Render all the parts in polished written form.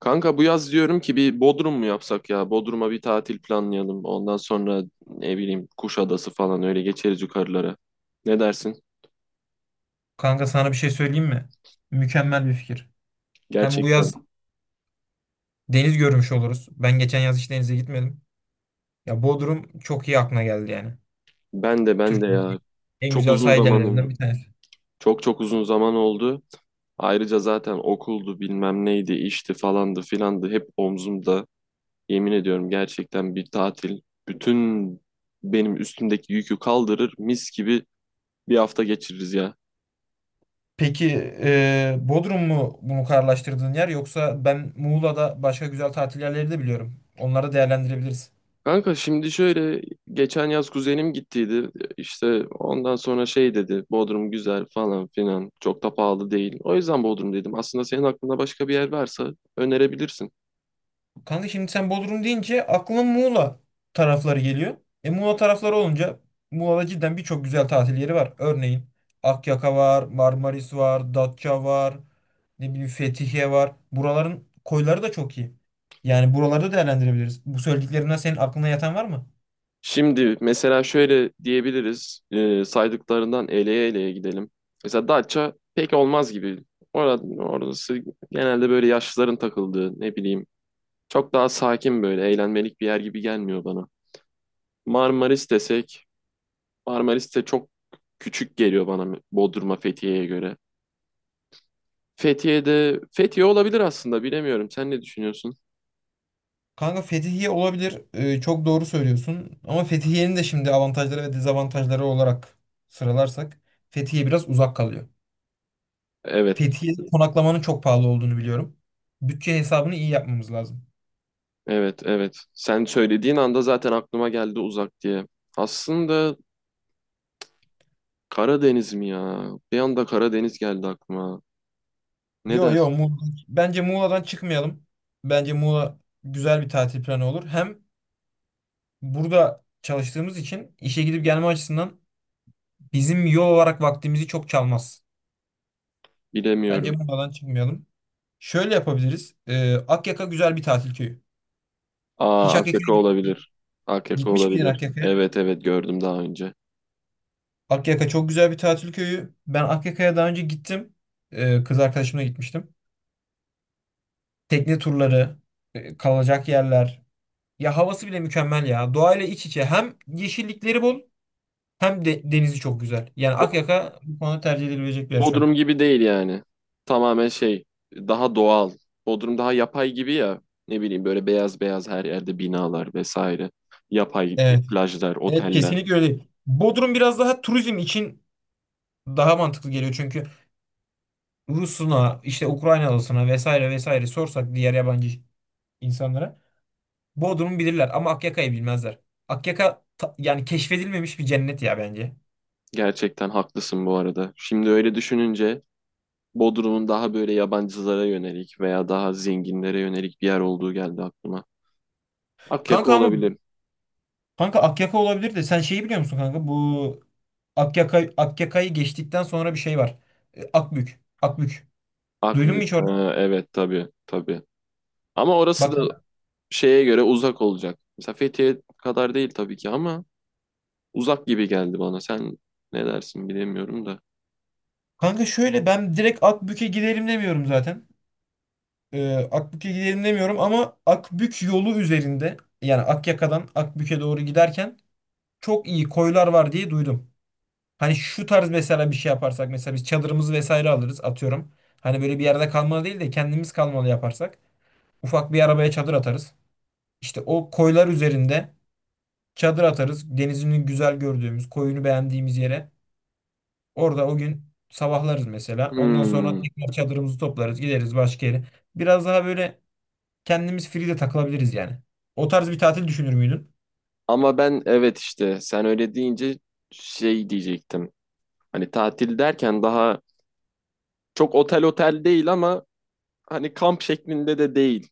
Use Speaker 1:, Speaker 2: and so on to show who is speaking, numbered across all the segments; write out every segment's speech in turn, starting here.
Speaker 1: Kanka bu yaz diyorum ki bir Bodrum mu yapsak ya? Bodrum'a bir tatil planlayalım. Ondan sonra ne bileyim Kuşadası falan öyle geçeriz yukarılara. Ne dersin?
Speaker 2: Kanka sana bir şey söyleyeyim mi? Mükemmel bir fikir. Hem bu
Speaker 1: Gerçekten.
Speaker 2: yaz deniz görmüş oluruz. Ben geçen yaz hiç denize gitmedim. Ya Bodrum çok iyi aklına geldi yani.
Speaker 1: Ben de ben de ya.
Speaker 2: Türkiye'nin en
Speaker 1: Çok
Speaker 2: güzel
Speaker 1: uzun
Speaker 2: sahil
Speaker 1: zaman oldu.
Speaker 2: yerlerinden bir tanesi.
Speaker 1: Çok çok uzun zaman oldu. Ayrıca zaten okuldu bilmem neydi işti falandı filandı hep omzumda. Yemin ediyorum gerçekten bir tatil bütün benim üstümdeki yükü kaldırır mis gibi bir hafta geçiririz ya.
Speaker 2: Peki Bodrum mu bunu kararlaştırdığın yer yoksa ben Muğla'da başka güzel tatil yerleri de biliyorum. Onları değerlendirebiliriz.
Speaker 1: Kanka şimdi şöyle geçen yaz kuzenim gittiydi işte ondan sonra şey dedi Bodrum güzel falan filan çok da pahalı değil. O yüzden Bodrum dedim, aslında senin aklında başka bir yer varsa önerebilirsin.
Speaker 2: Kanka şimdi sen Bodrum deyince aklıma Muğla tarafları geliyor. E, Muğla tarafları olunca Muğla'da cidden birçok güzel tatil yeri var. Örneğin Akyaka var, Marmaris var, Datça var, ne bileyim Fethiye var. Buraların koyları da çok iyi. Yani buralarda değerlendirebiliriz. Bu söylediklerimden senin aklına yatan var mı?
Speaker 1: Şimdi mesela şöyle diyebiliriz, saydıklarından eleye eleye gidelim. Mesela Datça pek olmaz gibi. Orası genelde böyle yaşlıların takıldığı, ne bileyim, çok daha sakin, böyle eğlenmelik bir yer gibi gelmiyor bana. Marmaris desek, Marmaris de çok küçük geliyor bana Bodrum'a Fethiye'ye göre. Fethiye olabilir aslında, bilemiyorum. Sen ne düşünüyorsun?
Speaker 2: Kanka Fethiye olabilir. E, çok doğru söylüyorsun. Ama Fethiye'nin de şimdi avantajları ve dezavantajları olarak sıralarsak Fethiye biraz uzak kalıyor.
Speaker 1: Evet,
Speaker 2: Fethiye'de konaklamanın çok pahalı olduğunu biliyorum. Bütçe hesabını iyi yapmamız lazım.
Speaker 1: evet, evet. Sen söylediğin anda zaten aklıma geldi uzak diye. Aslında Karadeniz mi ya? Bir anda Karadeniz geldi aklıma. Ne
Speaker 2: Yo yo
Speaker 1: dersin?
Speaker 2: Muğla. Bence Muğla'dan çıkmayalım. Bence Muğla güzel bir tatil planı olur. Hem burada çalıştığımız için işe gidip gelme açısından bizim yol olarak vaktimizi çok çalmaz. Bence
Speaker 1: Bilemiyorum.
Speaker 2: Muğla'dan çıkmayalım. Şöyle yapabiliriz. Akyaka güzel bir tatil köyü. Hiç
Speaker 1: Aa, AKK olabilir. AKK
Speaker 2: Gitmiş miydin
Speaker 1: olabilir.
Speaker 2: Akyaka'ya?
Speaker 1: Evet, evet, gördüm daha önce.
Speaker 2: Akyaka çok güzel bir tatil köyü. Ben Akyaka'ya daha önce gittim. Kız arkadaşımla gitmiştim. Tekne turları, kalacak yerler. Ya havası bile mükemmel ya. Doğayla iç içe. Hem yeşillikleri bol hem de denizi çok güzel. Yani Akyaka bu konuda tercih edilebilecek bir yer şu an.
Speaker 1: Bodrum gibi değil yani. Tamamen şey, daha doğal. Bodrum daha yapay gibi ya. Ne bileyim böyle beyaz beyaz her yerde binalar vesaire. Yapay
Speaker 2: Evet.
Speaker 1: plajlar,
Speaker 2: Evet
Speaker 1: oteller.
Speaker 2: kesinlikle öyle. Bodrum biraz daha turizm için daha mantıklı geliyor. Çünkü Rus'una, işte Ukraynalısına vesaire vesaire sorsak diğer yabancı insanlara Bodrum'u bilirler ama Akyaka'yı bilmezler. Yani keşfedilmemiş bir cennet ya bence.
Speaker 1: Gerçekten haklısın bu arada. Şimdi öyle düşününce Bodrum'un daha böyle yabancılara yönelik veya daha zenginlere yönelik bir yer olduğu geldi aklıma. Akyaka
Speaker 2: Kanka ama
Speaker 1: olabilir.
Speaker 2: Kanka Akyaka olabilir de sen şeyi biliyor musun kanka? Bu Akyaka, Akyaka'yı geçtikten sonra bir şey var. E, Akbük. Akbük. Duydun mu
Speaker 1: Akbük.
Speaker 2: hiç orayı?
Speaker 1: Ha, evet, tabii tabii. Ama orası
Speaker 2: Bak
Speaker 1: da şeye göre uzak olacak. Mesela Fethiye kadar değil tabii ki, ama uzak gibi geldi bana. Sen ne dersin bilemiyorum da.
Speaker 2: kanka şöyle ben direkt Akbük'e gidelim demiyorum zaten. E, Akbük'e gidelim demiyorum ama Akbük yolu üzerinde yani Akyaka'dan Akbük'e doğru giderken çok iyi koylar var diye duydum. Hani şu tarz mesela bir şey yaparsak mesela biz çadırımızı vesaire alırız atıyorum. Hani böyle bir yerde kalmalı değil de kendimiz kalmalı yaparsak. Ufak bir arabaya çadır atarız. İşte o koylar üzerinde çadır atarız. Denizini güzel gördüğümüz, koyunu beğendiğimiz yere. Orada o gün sabahlarız mesela. Ondan sonra
Speaker 1: Hmm.
Speaker 2: tekrar çadırımızı toplarız, gideriz başka yere. Biraz daha böyle kendimiz free de takılabiliriz yani. O tarz bir tatil düşünür müydün?
Speaker 1: Ama ben, evet, işte sen öyle deyince şey diyecektim. Hani tatil derken daha çok otel otel değil ama hani kamp şeklinde de değil.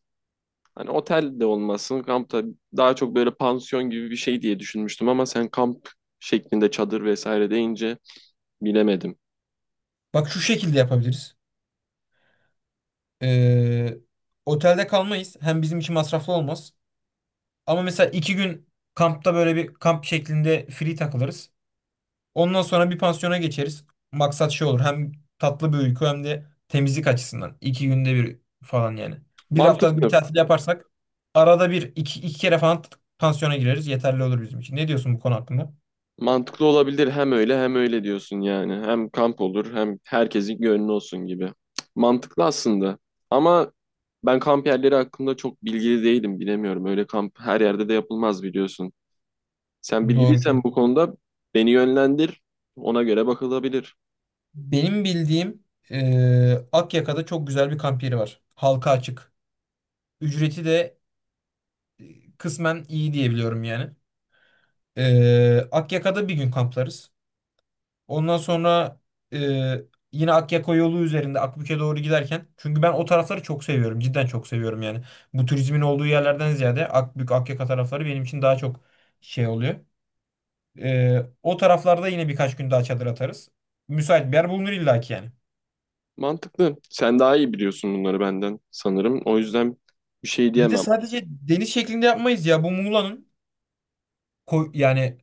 Speaker 1: Hani otel de olmasın, kamp da. Daha çok böyle pansiyon gibi bir şey diye düşünmüştüm, ama sen kamp şeklinde çadır vesaire deyince bilemedim.
Speaker 2: Bak şu şekilde yapabiliriz. Ee, Otelde kalmayız. Hem bizim için masraflı olmaz. Ama mesela 2 gün kampta böyle bir kamp şeklinde free takılırız. Ondan sonra bir pansiyona geçeriz. Maksat şey olur. Hem tatlı bir uyku hem de temizlik açısından. İki günde bir falan yani. Bir haftalık bir
Speaker 1: Mantıklı.
Speaker 2: tatil yaparsak arada bir 2 kere falan pansiyona gireriz. Yeterli olur bizim için. Ne diyorsun bu konu hakkında?
Speaker 1: Mantıklı olabilir, hem öyle hem öyle diyorsun yani. Hem kamp olur, hem herkesin gönlü olsun gibi. Mantıklı aslında. Ama ben kamp yerleri hakkında çok bilgili değilim, bilemiyorum. Öyle kamp her yerde de yapılmaz, biliyorsun. Sen
Speaker 2: Doğru çok.
Speaker 1: bilgiliysen bu konuda beni yönlendir. Ona göre bakılabilir.
Speaker 2: Benim bildiğim Akyaka'da çok güzel bir kamp yeri var. Halka açık. Ücreti de e, kısmen iyi diyebiliyorum yani. Akyaka'da bir gün kamplarız. Ondan sonra e, yine Akyaka yolu üzerinde Akbük'e doğru giderken. Çünkü ben o tarafları çok seviyorum. Cidden çok seviyorum yani. Bu turizmin olduğu yerlerden ziyade Akbük, Akyaka tarafları benim için daha çok şey oluyor. O taraflarda yine birkaç gün daha çadır atarız. Müsait bir yer bulunur illaki yani.
Speaker 1: Mantıklı. Sen daha iyi biliyorsun bunları benden sanırım. O yüzden bir şey
Speaker 2: Bir de
Speaker 1: diyemem.
Speaker 2: sadece deniz şeklinde yapmayız ya. Bu yani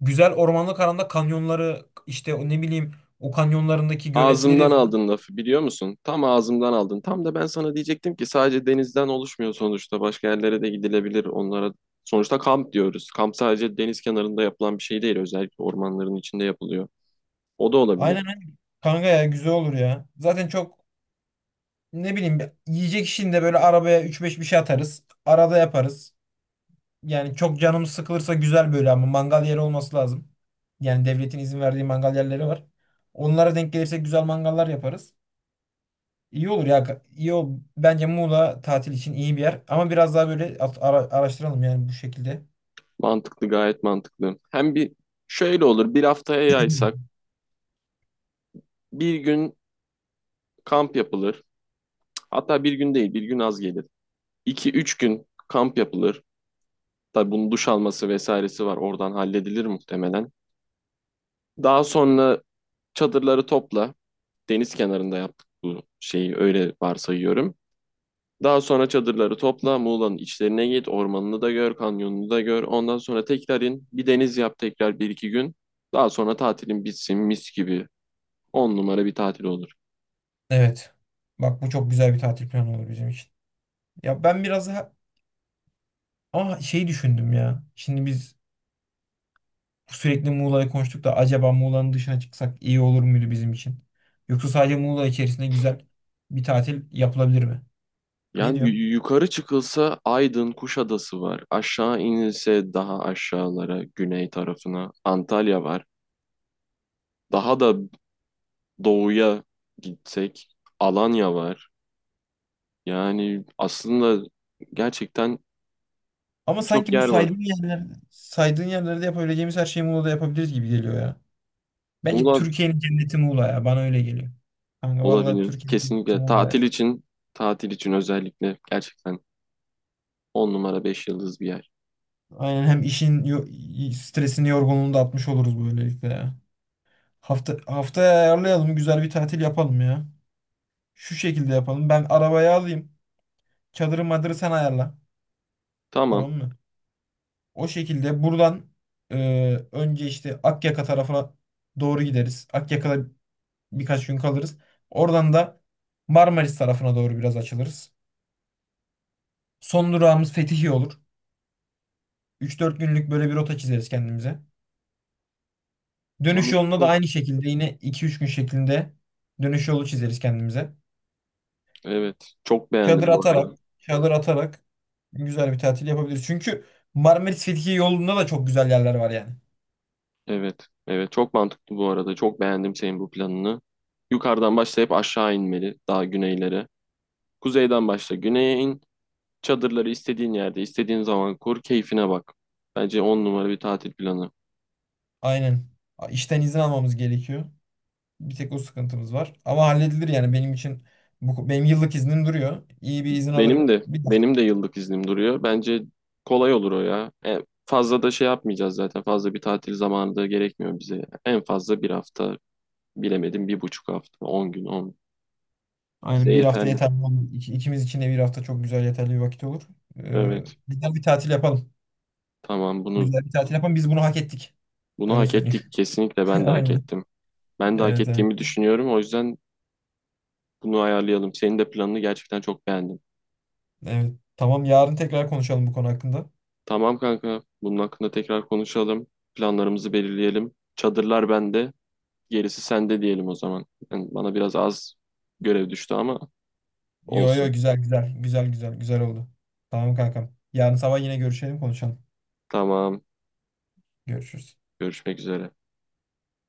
Speaker 2: güzel ormanlık alanda kanyonları işte o ne bileyim o kanyonlarındaki göletleri
Speaker 1: Ağzımdan
Speaker 2: falan.
Speaker 1: aldın lafı, biliyor musun? Tam ağzımdan aldın. Tam da ben sana diyecektim ki sadece denizden oluşmuyor sonuçta. Başka yerlere de gidilebilir onlara. Sonuçta kamp diyoruz. Kamp sadece deniz kenarında yapılan bir şey değil. Özellikle ormanların içinde yapılıyor. O da
Speaker 2: Aynen
Speaker 1: olabilir.
Speaker 2: aynen. Kanka ya güzel olur ya. Zaten çok ne bileyim yiyecek işinde böyle arabaya üç beş bir şey atarız. Arada yaparız. Yani çok canımız sıkılırsa güzel böyle ama mangal yeri olması lazım. Yani devletin izin verdiği mangal yerleri var. Onlara denk gelirsek güzel mangallar yaparız. İyi olur ya. İyi o bence Muğla tatil için iyi bir yer. Ama biraz daha böyle araştıralım yani bu şekilde.
Speaker 1: Mantıklı, gayet mantıklı. Hem bir şöyle olur. Bir haftaya yaysak bir gün kamp yapılır. Hatta bir gün değil, bir gün az gelir. 2 üç gün kamp yapılır. Tabii bunun duş alması vesairesi var. Oradan halledilir muhtemelen. Daha sonra çadırları topla. Deniz kenarında yaptık bu şeyi, öyle varsayıyorum. Daha sonra çadırları topla, Muğla'nın içlerine git, ormanını da gör, kanyonunu da gör. Ondan sonra tekrar in, bir deniz yap tekrar bir iki gün. Daha sonra tatilin bitsin mis gibi. On numara bir tatil olur.
Speaker 2: Evet. Bak bu çok güzel bir tatil planı olur bizim için. Ya ben biraz daha ama şey düşündüm ya. Şimdi biz sürekli Muğla'yı konuştuk da acaba Muğla'nın dışına çıksak iyi olur muydu bizim için? Yoksa sadece Muğla içerisinde güzel bir tatil yapılabilir mi? Ne
Speaker 1: Yani
Speaker 2: diyorsun?
Speaker 1: yukarı çıkılsa Aydın, Kuşadası var. Aşağı inilse daha aşağılara, güney tarafına Antalya var. Daha da doğuya gitsek Alanya var. Yani aslında gerçekten
Speaker 2: Ama
Speaker 1: birçok
Speaker 2: sanki bu
Speaker 1: yer var.
Speaker 2: saydığın yerler, saydığın yerlerde yapabileceğimiz her şeyi Muğla'da yapabiliriz gibi geliyor ya. Bence
Speaker 1: Muğla
Speaker 2: Türkiye'nin cenneti Muğla ya. Bana öyle geliyor. Kanka vallahi
Speaker 1: olabilir.
Speaker 2: Türkiye'nin cenneti
Speaker 1: Kesinlikle
Speaker 2: Muğla ya.
Speaker 1: tatil için, tatil için özellikle gerçekten 10 numara, 5 yıldız bir yer.
Speaker 2: Aynen hem stresini yorgunluğunu da atmış oluruz böylelikle ya. Hafta haftaya ayarlayalım. Güzel bir tatil yapalım ya. Şu şekilde yapalım. Ben arabayı alayım. Çadırı madırı sen ayarla.
Speaker 1: Tamam.
Speaker 2: Tamam mı? O şekilde buradan önce işte Akyaka tarafına doğru gideriz. Akyaka'da birkaç gün kalırız. Oradan da Marmaris tarafına doğru biraz açılırız. Son durağımız Fethiye olur. 3 4 günlük böyle bir rota çizeriz kendimize. Dönüş yolunda da
Speaker 1: Mantıklı.
Speaker 2: aynı şekilde yine 2 3 gün şeklinde dönüş yolu çizeriz kendimize.
Speaker 1: Evet. Çok
Speaker 2: Çadır
Speaker 1: beğendim bu
Speaker 2: atarak,
Speaker 1: arada.
Speaker 2: çadır atarak güzel bir tatil yapabiliriz. Çünkü Marmaris Fethiye yolunda da çok güzel yerler var yani.
Speaker 1: Evet. Evet. Çok mantıklı bu arada. Çok beğendim senin bu planını. Yukarıdan başlayıp aşağı inmeli. Daha güneylere. Kuzeyden başla. Güneye in. Çadırları istediğin yerde, istediğin zaman kur. Keyfine bak. Bence 10 numara bir tatil planı.
Speaker 2: Aynen. İşten izin almamız gerekiyor. Bir tek o sıkıntımız var. Ama halledilir yani benim için bu, benim yıllık iznim duruyor. İyi bir izin
Speaker 1: Benim
Speaker 2: alırım.
Speaker 1: de
Speaker 2: Bir hafta.
Speaker 1: benim de yıllık iznim duruyor. Bence kolay olur o ya. En fazla da şey yapmayacağız zaten. Fazla bir tatil zamanı da gerekmiyor bize. Ya. En fazla bir hafta, bilemedim bir buçuk hafta. 10 gün on. Bize
Speaker 2: Aynen bir hafta
Speaker 1: yeterli.
Speaker 2: yeterli olur. İkimiz için de bir hafta çok güzel yeterli bir vakit olur.
Speaker 1: Evet.
Speaker 2: Güzel bir tatil yapalım.
Speaker 1: Tamam bunu
Speaker 2: Güzel bir tatil yapalım. Biz bunu hak ettik.
Speaker 1: bunu
Speaker 2: Öyle
Speaker 1: hak
Speaker 2: söyleyeyim.
Speaker 1: ettik. Kesinlikle ben de hak
Speaker 2: Aynen.
Speaker 1: ettim. Ben de hak
Speaker 2: Evet, evet.
Speaker 1: ettiğimi düşünüyorum. O yüzden bunu ayarlayalım. Senin de planını gerçekten çok beğendim.
Speaker 2: Evet. Tamam yarın tekrar konuşalım bu konu hakkında.
Speaker 1: Tamam kanka. Bunun hakkında tekrar konuşalım. Planlarımızı belirleyelim. Çadırlar bende. Gerisi sende diyelim o zaman. Yani bana biraz az görev düştü ama
Speaker 2: Yo yo
Speaker 1: olsun.
Speaker 2: güzel güzel. Güzel güzel. Güzel oldu. Tamam kankam. Yarın sabah yine görüşelim konuşalım.
Speaker 1: Tamam.
Speaker 2: Görüşürüz.
Speaker 1: Görüşmek üzere.